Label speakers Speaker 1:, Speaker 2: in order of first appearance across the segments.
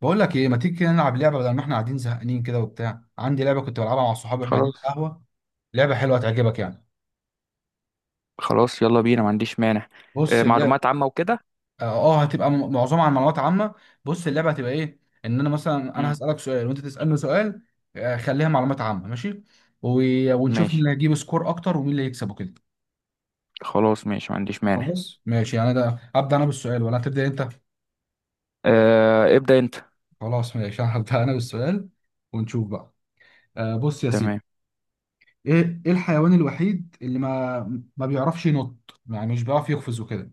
Speaker 1: بقول لك ايه، ما تيجي كده نلعب لعبه، بدل ما احنا قاعدين زهقانين كده وبتاع؟ عندي لعبه كنت بلعبها مع صحابي واحنا قاعدين
Speaker 2: خلاص
Speaker 1: على القهوه. لعبه حلوه هتعجبك يعني.
Speaker 2: خلاص، يلا بينا، ما عنديش مانع.
Speaker 1: بص اللعبه.
Speaker 2: معلومات عامة وكده.
Speaker 1: هتبقى معظمها عن معلومات عامه. بص اللعبه هتبقى ايه. ان انا مثلا
Speaker 2: مم.
Speaker 1: هسالك سؤال وانت تسالني سؤال. خليها معلومات عامه ماشي و... ونشوف مين
Speaker 2: ماشي،
Speaker 1: اللي هيجيب سكور اكتر ومين اللي هيكسب وكده.
Speaker 2: خلاص ماشي، ما عنديش مانع.
Speaker 1: خلاص ماشي، يعني ده ابدا انا بالسؤال ولا هتبدا انت؟
Speaker 2: ابدأ انت.
Speaker 1: خلاص ماشي هبدا انا بالسؤال ونشوف بقى. بص يا سيدي.
Speaker 2: تمام.
Speaker 1: ايه الحيوان الوحيد اللي ما بيعرفش ينط، يعني مش بيعرف يقفز وكده؟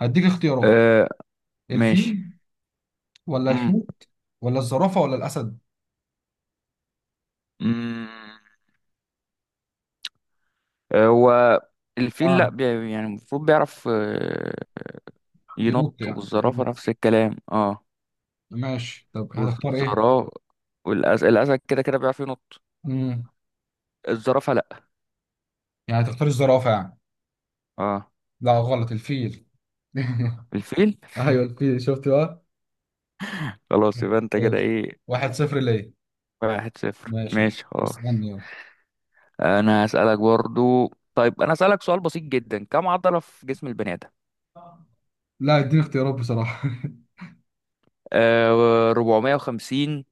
Speaker 1: هديك اختيارات:
Speaker 2: آه، ماشي.
Speaker 1: الفيل ولا
Speaker 2: مم.
Speaker 1: الحوت ولا الزرافة ولا الأسد؟
Speaker 2: مم. هو الفيل لا،
Speaker 1: اه،
Speaker 2: يعني المفروض بيعرف ينط.
Speaker 1: ينط يعني
Speaker 2: والزرافة
Speaker 1: إيه؟
Speaker 2: نفس الكلام، اه.
Speaker 1: ماشي طب هتختار ايه؟
Speaker 2: والزرافة، والأسد، الأسد كده كده بيعرف ينط.
Speaker 1: امم،
Speaker 2: الزرافة، لا.
Speaker 1: يعني هتختار الزرافة يعني؟
Speaker 2: اه،
Speaker 1: لا غلط، الفيل.
Speaker 2: الفيل.
Speaker 1: ايوه الفيل، شفت بقى؟
Speaker 2: خلاص، يبقى انت كده
Speaker 1: ماشي،
Speaker 2: ايه؟
Speaker 1: واحد صفر ليه.
Speaker 2: 1-0،
Speaker 1: ماشي،
Speaker 2: ماشي خلاص.
Speaker 1: استنى يلا.
Speaker 2: انا هسألك برضو، طيب انا هسألك سؤال بسيط جدا، كم عضلة في جسم البني آدم؟
Speaker 1: لا اديني اختيارات بصراحة.
Speaker 2: 450،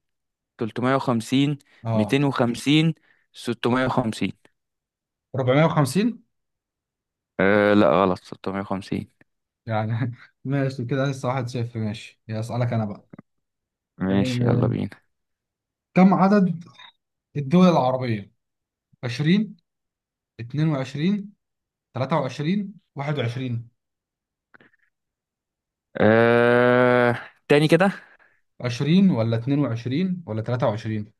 Speaker 2: 350،
Speaker 1: اه
Speaker 2: 250، 650.
Speaker 1: 450.
Speaker 2: لا غلط، 650.
Speaker 1: يعني ماشي كده، لسه واحد صفر، ماشي، يا اسألك انا بقى.
Speaker 2: ماشي، يلا
Speaker 1: آه،
Speaker 2: بينا.
Speaker 1: كم عدد الدول العربية؟ 20، 22، 23، 21.
Speaker 2: آه تاني كده.
Speaker 1: 20 ولا 22 ولا 23؟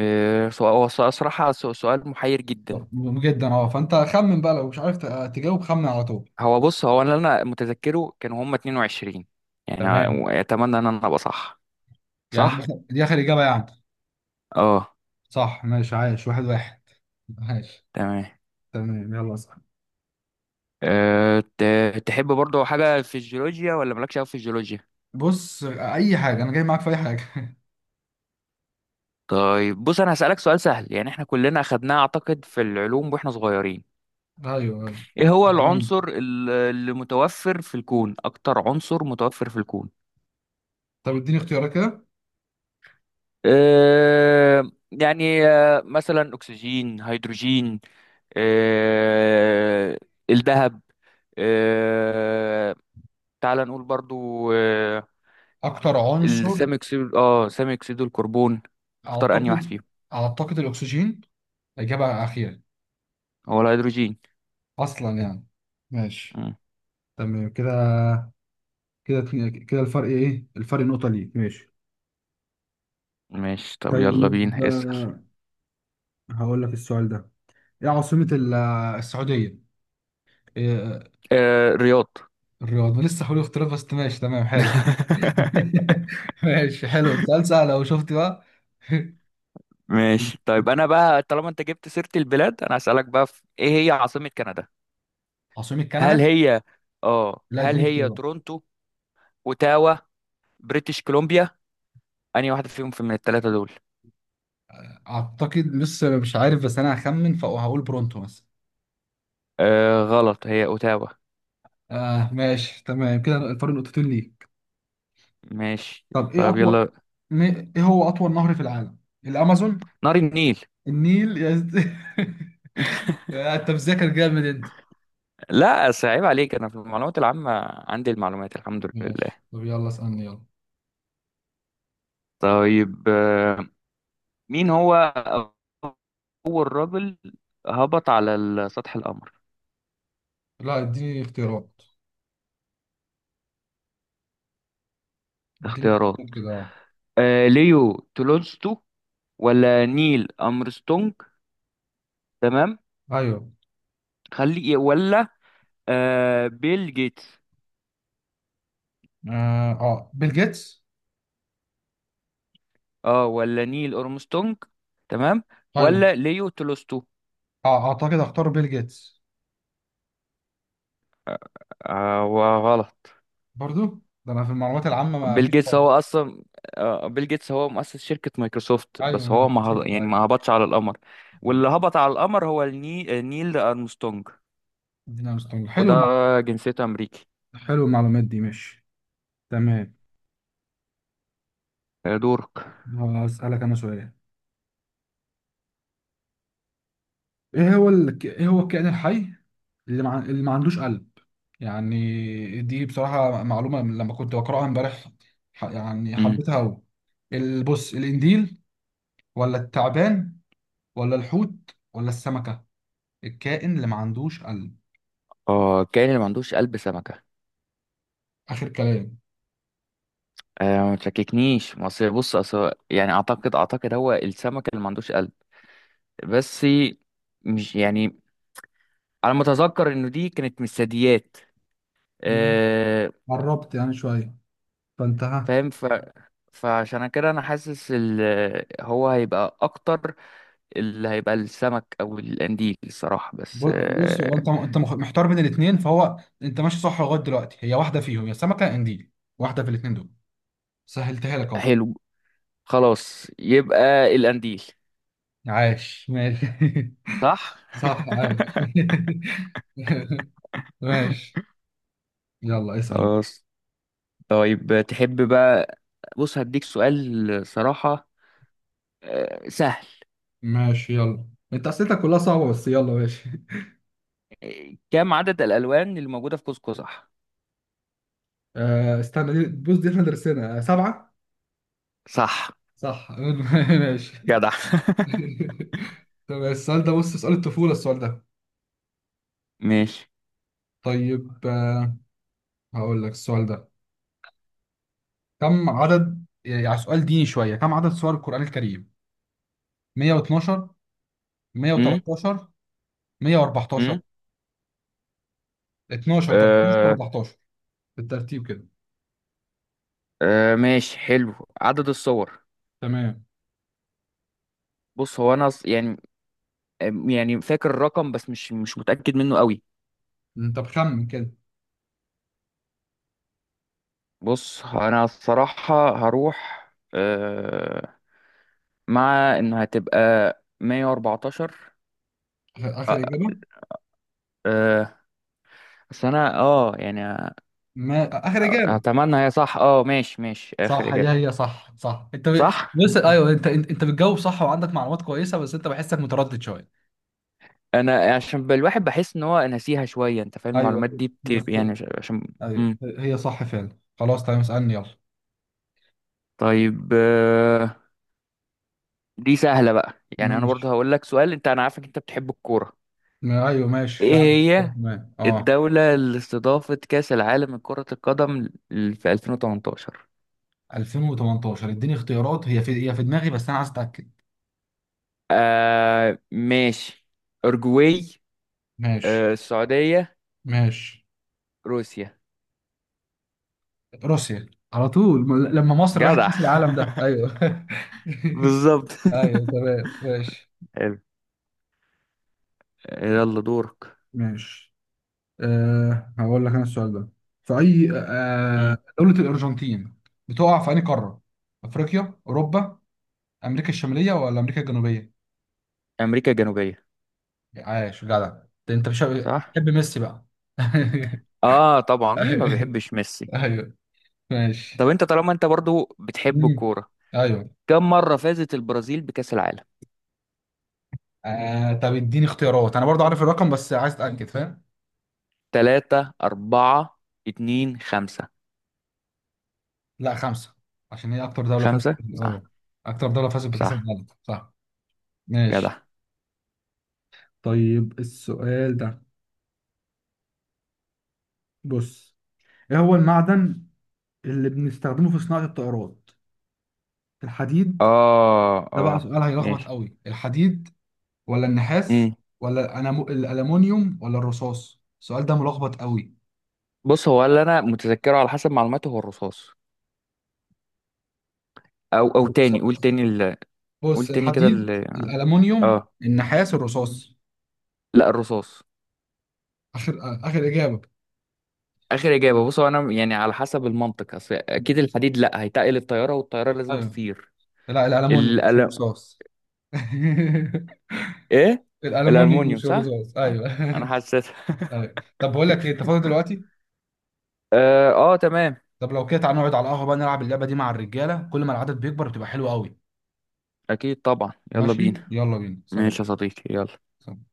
Speaker 2: سؤال، صراحة، سؤال محير جدا.
Speaker 1: طب مهم جدا اه، فانت خمن بقى، لو مش عارف تجاوب خمن على طول.
Speaker 2: هو بص، هو انا اللي انا متذكره كانوا هما 22 يعني.
Speaker 1: تمام،
Speaker 2: اتمنى ان انا ابقى صح.
Speaker 1: يعني دي
Speaker 2: صح.
Speaker 1: آخر دي آخر إجابة يعني؟
Speaker 2: اه،
Speaker 1: صح ماشي، عايش، واحد واحد. ماشي
Speaker 2: تمام.
Speaker 1: تمام، يلا، صح.
Speaker 2: تحب برضو حاجة في الجيولوجيا، ولا مالكش أوي في الجيولوجيا؟
Speaker 1: بص، أي حاجة، أنا جاي معاك في أي حاجة.
Speaker 2: طيب بص، أنا هسألك سؤال سهل، يعني احنا كلنا أخدناه أعتقد في العلوم وإحنا صغيرين.
Speaker 1: أيوه أيوه.
Speaker 2: إيه هو
Speaker 1: جامد.
Speaker 2: العنصر اللي متوفر في الكون؟ أكتر عنصر متوفر في الكون؟
Speaker 1: طب اديني اختيارات كده.
Speaker 2: يعني، مثلا أكسجين، هيدروجين. أه الذهب. أه تعال نقول برضو،
Speaker 1: أكتر عنصر؟
Speaker 2: السامي أكسيد، سامي أكسيد الكربون. تختار أنهي واحد
Speaker 1: أعتقد،
Speaker 2: فيهم؟
Speaker 1: أعتقد الأكسجين. إجابة أخيرة.
Speaker 2: هو الهيدروجين.
Speaker 1: اصلا يعني. ماشي
Speaker 2: مم.
Speaker 1: تمام كده، كده اتنين- كده الفرق، ايه الفرق؟ نقطة ليك، ماشي.
Speaker 2: ماشي، طب يلا
Speaker 1: طيب
Speaker 2: بينا اسأل.
Speaker 1: هقول لك السؤال ده: ايه عاصمة السعودية؟ إيه
Speaker 2: رياض.
Speaker 1: الرياض؟ ما لسه، حلو اختلاف بس ماشي تمام حلو. ماشي حلو، سؤال سهل لو شفت بقى.
Speaker 2: ماشي، طيب انا بقى طالما انت جبت سيرة البلاد، انا هسألك بقى، في ايه هي عاصمة كندا؟
Speaker 1: عاصمة
Speaker 2: هل
Speaker 1: كندا؟
Speaker 2: هي، اه
Speaker 1: لا
Speaker 2: هل
Speaker 1: اديني
Speaker 2: هي
Speaker 1: اختيارات.
Speaker 2: تورونتو، اوتاوا، بريتش كولومبيا؟ انهي واحدة فيهم، في من الثلاثة دول؟
Speaker 1: اعتقد لسه مش عارف بس انا هخمن، فهقول برونتو مثلا.
Speaker 2: غلط، هي اوتاوا.
Speaker 1: آه ماشي تمام، كده الفرق نقطتين ليك.
Speaker 2: ماشي،
Speaker 1: طب ايه
Speaker 2: طب
Speaker 1: اطول؟
Speaker 2: يلا،
Speaker 1: ايه هو اطول نهر في العالم؟ الامازون؟
Speaker 2: نهر النيل.
Speaker 1: النيل انت مذاكر جامد انت.
Speaker 2: لا، أصل عيب عليك، انا في المعلومات العامة عندي المعلومات الحمد
Speaker 1: ماشي
Speaker 2: لله.
Speaker 1: طب يلا اسالني يلا.
Speaker 2: طيب، مين هو أول راجل هبط على سطح القمر؟
Speaker 1: لا اديني اختيارات. اديني
Speaker 2: اختيارات.
Speaker 1: اختيارات كده اه.
Speaker 2: ليو تولستو، ولا نيل أرمسترونج، تمام،
Speaker 1: ايوه.
Speaker 2: خلي ولا بيل جيتس.
Speaker 1: بيل جيتس.
Speaker 2: اه ولا نيل أرمسترونج، تمام،
Speaker 1: ايوه.
Speaker 2: ولا ليو تولستو.
Speaker 1: اه، اعتقد اختار بيل جيتس.
Speaker 2: وغلط.
Speaker 1: برضو، ده انا في المعلومات العامه ما
Speaker 2: بيل
Speaker 1: فيش
Speaker 2: جيتس
Speaker 1: فرق.
Speaker 2: هو أصلا، بيل جيتس هو مؤسس شركة مايكروسوفت،
Speaker 1: ايوه
Speaker 2: بس هو
Speaker 1: انا
Speaker 2: ما هب...
Speaker 1: شفت
Speaker 2: يعني ما
Speaker 1: ايوه.
Speaker 2: هبطش على القمر. واللي هبط على القمر هو الني... آه، نيل أرمسترونج.
Speaker 1: ادينا مستوى حلو
Speaker 2: وده جنسيته أمريكي.
Speaker 1: حلو المعلومات دي ماشي. تمام.
Speaker 2: دورك.
Speaker 1: هسألك انا سؤال: ايه هو ايه هو الكائن الحي اللي ما عندوش قلب؟ يعني دي بصراحة معلومة من لما كنت بقرأها امبارح، يعني حبيتها أوي. بص، الإنديل ولا التعبان ولا الحوت ولا السمكة؟ الكائن اللي ما عندوش قلب.
Speaker 2: اه كاين اللي ما عندوش قلب، سمكة.
Speaker 1: آخر كلام.
Speaker 2: ما تشككنيش، مصر بص أصل يعني اعتقد هو السمكة اللي ما عندوش قلب. بس مش يعني، على ما اتذكر انه دي كانت من الثدييات.
Speaker 1: مم.
Speaker 2: آه
Speaker 1: قربت يعني شوية، فأنت ها.
Speaker 2: فاهم، فعشان كده انا حاسس هو هيبقى اكتر. اللي هيبقى السمك او القنديل، الصراحة بس
Speaker 1: بص، هو أنت محتار بين الاتنين، فهو أنت ماشي صح لغاية دلوقتي. هي واحدة فيهم، يا سمكة يا إنديل، واحدة في الاتنين دول. سهلتها لك أهو.
Speaker 2: حلو. خلاص، يبقى القنديل.
Speaker 1: عاش ماشي.
Speaker 2: صح.
Speaker 1: صح عاش. ماشي ماشي. يلا اسأل.
Speaker 2: خلاص، طيب تحب بقى، بص هديك سؤال، صراحة سهل.
Speaker 1: ماشي يلا. انت اسئلتك كلها صعبه، بس يلا ماشي.
Speaker 2: كم عدد الألوان اللي موجودة في قوس قزح؟
Speaker 1: آه استنى دي. بص دي احنا درسنا، سبعه.
Speaker 2: صح.
Speaker 1: صح. ماشي.
Speaker 2: جدع.
Speaker 1: طب السؤال ده، بص سؤال الطفوله السؤال ده.
Speaker 2: ماشي.
Speaker 1: طيب هقول لك السؤال ده: كم عدد، يعني سؤال ديني شويه، كم عدد سور القران الكريم؟ 112،
Speaker 2: امم
Speaker 1: 113، 114؟
Speaker 2: امم
Speaker 1: 12، 13،
Speaker 2: آه
Speaker 1: 14؟ بالترتيب كده.
Speaker 2: ماشي حلو، عدد الصور.
Speaker 1: تمام.
Speaker 2: بص هو انا يعني، يعني فاكر الرقم، بس مش متأكد منه قوي.
Speaker 1: انت بخمن كده.
Speaker 2: بص انا الصراحة هروح، آه مع انها هتبقى 114.
Speaker 1: آخر اجابه.
Speaker 2: آه بس انا، يعني
Speaker 1: ما اخر اجابه.
Speaker 2: اتمنى هي صح. اه، ماشي ماشي، اخر
Speaker 1: صح، هي
Speaker 2: اجابه.
Speaker 1: هي صح صح، انت
Speaker 2: صح.
Speaker 1: بص ايوه، انت بتجاوب صح، وعندك معلومات كويسه، بس انت بحسك متردد شويه.
Speaker 2: انا عشان الواحد بحس ان هو ناسيها شويه، انت فاهم
Speaker 1: ايوه
Speaker 2: المعلومات دي بتبقى
Speaker 1: بس،
Speaker 2: يعني عشان.
Speaker 1: ايوه هي صح فعلا. خلاص تمام، اسالني يلا.
Speaker 2: طيب، دي سهله بقى. يعني انا برضو
Speaker 1: ماشي.
Speaker 2: هقول لك سؤال، انت انا عارفك انت بتحب الكوره.
Speaker 1: ايوه ماشي،
Speaker 2: ايه
Speaker 1: لا
Speaker 2: هي
Speaker 1: تمام اه.
Speaker 2: الدوله اللي استضافت كاس العالم لكره القدم في 2018؟
Speaker 1: 2018 اديني اختيارات، هي في دماغي بس انا عايز اتاكد.
Speaker 2: ماشي، اورجواي،
Speaker 1: ماشي.
Speaker 2: السعوديه،
Speaker 1: ماشي.
Speaker 2: روسيا.
Speaker 1: روسيا. على طول، لما مصر راحت
Speaker 2: جدع.
Speaker 1: كاس العالم ده ايوه.
Speaker 2: بالظبط.
Speaker 1: ايوه تمام ماشي.
Speaker 2: يلا دورك.
Speaker 1: ماشي. أه هقول لك انا السؤال ده: في اي
Speaker 2: مم.
Speaker 1: دولة الارجنتين بتقع؟ في اي قارة؟ افريقيا، اوروبا، امريكا الشمالية ولا امريكا الجنوبية؟
Speaker 2: امريكا الجنوبيه.
Speaker 1: عاش، جدع ده. انت مش
Speaker 2: صح.
Speaker 1: بتحب ميسي بقى.
Speaker 2: اه، طبعا، مين ما بيحبش ميسي؟
Speaker 1: ايوه ماشي.
Speaker 2: طب انت، طالما انت برضو بتحب
Speaker 1: مم.
Speaker 2: الكوره،
Speaker 1: ايوه.
Speaker 2: كم مره فازت البرازيل بكاس العالم؟
Speaker 1: آه طب اديني اختيارات، انا برضه عارف الرقم بس عايز اتاكد فاهم.
Speaker 2: ثلاثة، أربعة، اتنين، خمسة.
Speaker 1: لا خمسة، عشان هي اكتر دولة فازت
Speaker 2: خمسة صح.
Speaker 1: اكتر دولة فازت بكأس
Speaker 2: صح.
Speaker 1: العالم صح. ماشي.
Speaker 2: جدع.
Speaker 1: طيب السؤال ده، بص: ايه هو المعدن اللي بنستخدمه في صناعة الطائرات؟ الحديد؟
Speaker 2: اه
Speaker 1: ده بقى
Speaker 2: اه
Speaker 1: سؤال هيلخبط
Speaker 2: ماشي.
Speaker 1: قوي. الحديد ولا النحاس
Speaker 2: امم
Speaker 1: ولا الألمونيوم ولا الرصاص؟ السؤال ده ملخبط قوي.
Speaker 2: بص هو اللي انا متذكره على حسب معلوماتي هو الرصاص. او
Speaker 1: بص،
Speaker 2: تاني، قول تاني قول
Speaker 1: بص،
Speaker 2: تاني كده
Speaker 1: الحديد، الألمونيوم،
Speaker 2: اه
Speaker 1: النحاس، الرصاص.
Speaker 2: لا، الرصاص.
Speaker 1: آخر آخر إجابة.
Speaker 2: اخر اجابه. بصوا انا يعني على حسب المنطق، اصل اكيد الحديد لا، هيتقل الطياره، والطياره لازم
Speaker 1: أيوه.
Speaker 2: تطير.
Speaker 1: لا الألمونيوم مش
Speaker 2: الأل...
Speaker 1: الرصاص.
Speaker 2: ايه،
Speaker 1: الألمونيوم
Speaker 2: الالمونيوم،
Speaker 1: مش
Speaker 2: صح؟
Speaker 1: الرصاص
Speaker 2: صح؟
Speaker 1: أيوه.
Speaker 2: انا حسيت.
Speaker 1: أيوه، طب بقول لك إيه، أنت فاضي دلوقتي؟
Speaker 2: تمام.
Speaker 1: طب لو كده تعالى نقعد على القهوة بقى نلعب اللعبة دي مع الرجالة، كل ما العدد بيكبر بتبقى حلوة قوي.
Speaker 2: اكيد طبعا، يلا بينا.
Speaker 1: ماشي يلا بينا،
Speaker 2: ماشي
Speaker 1: سلام.
Speaker 2: يا صديقي، يلا.
Speaker 1: سلام.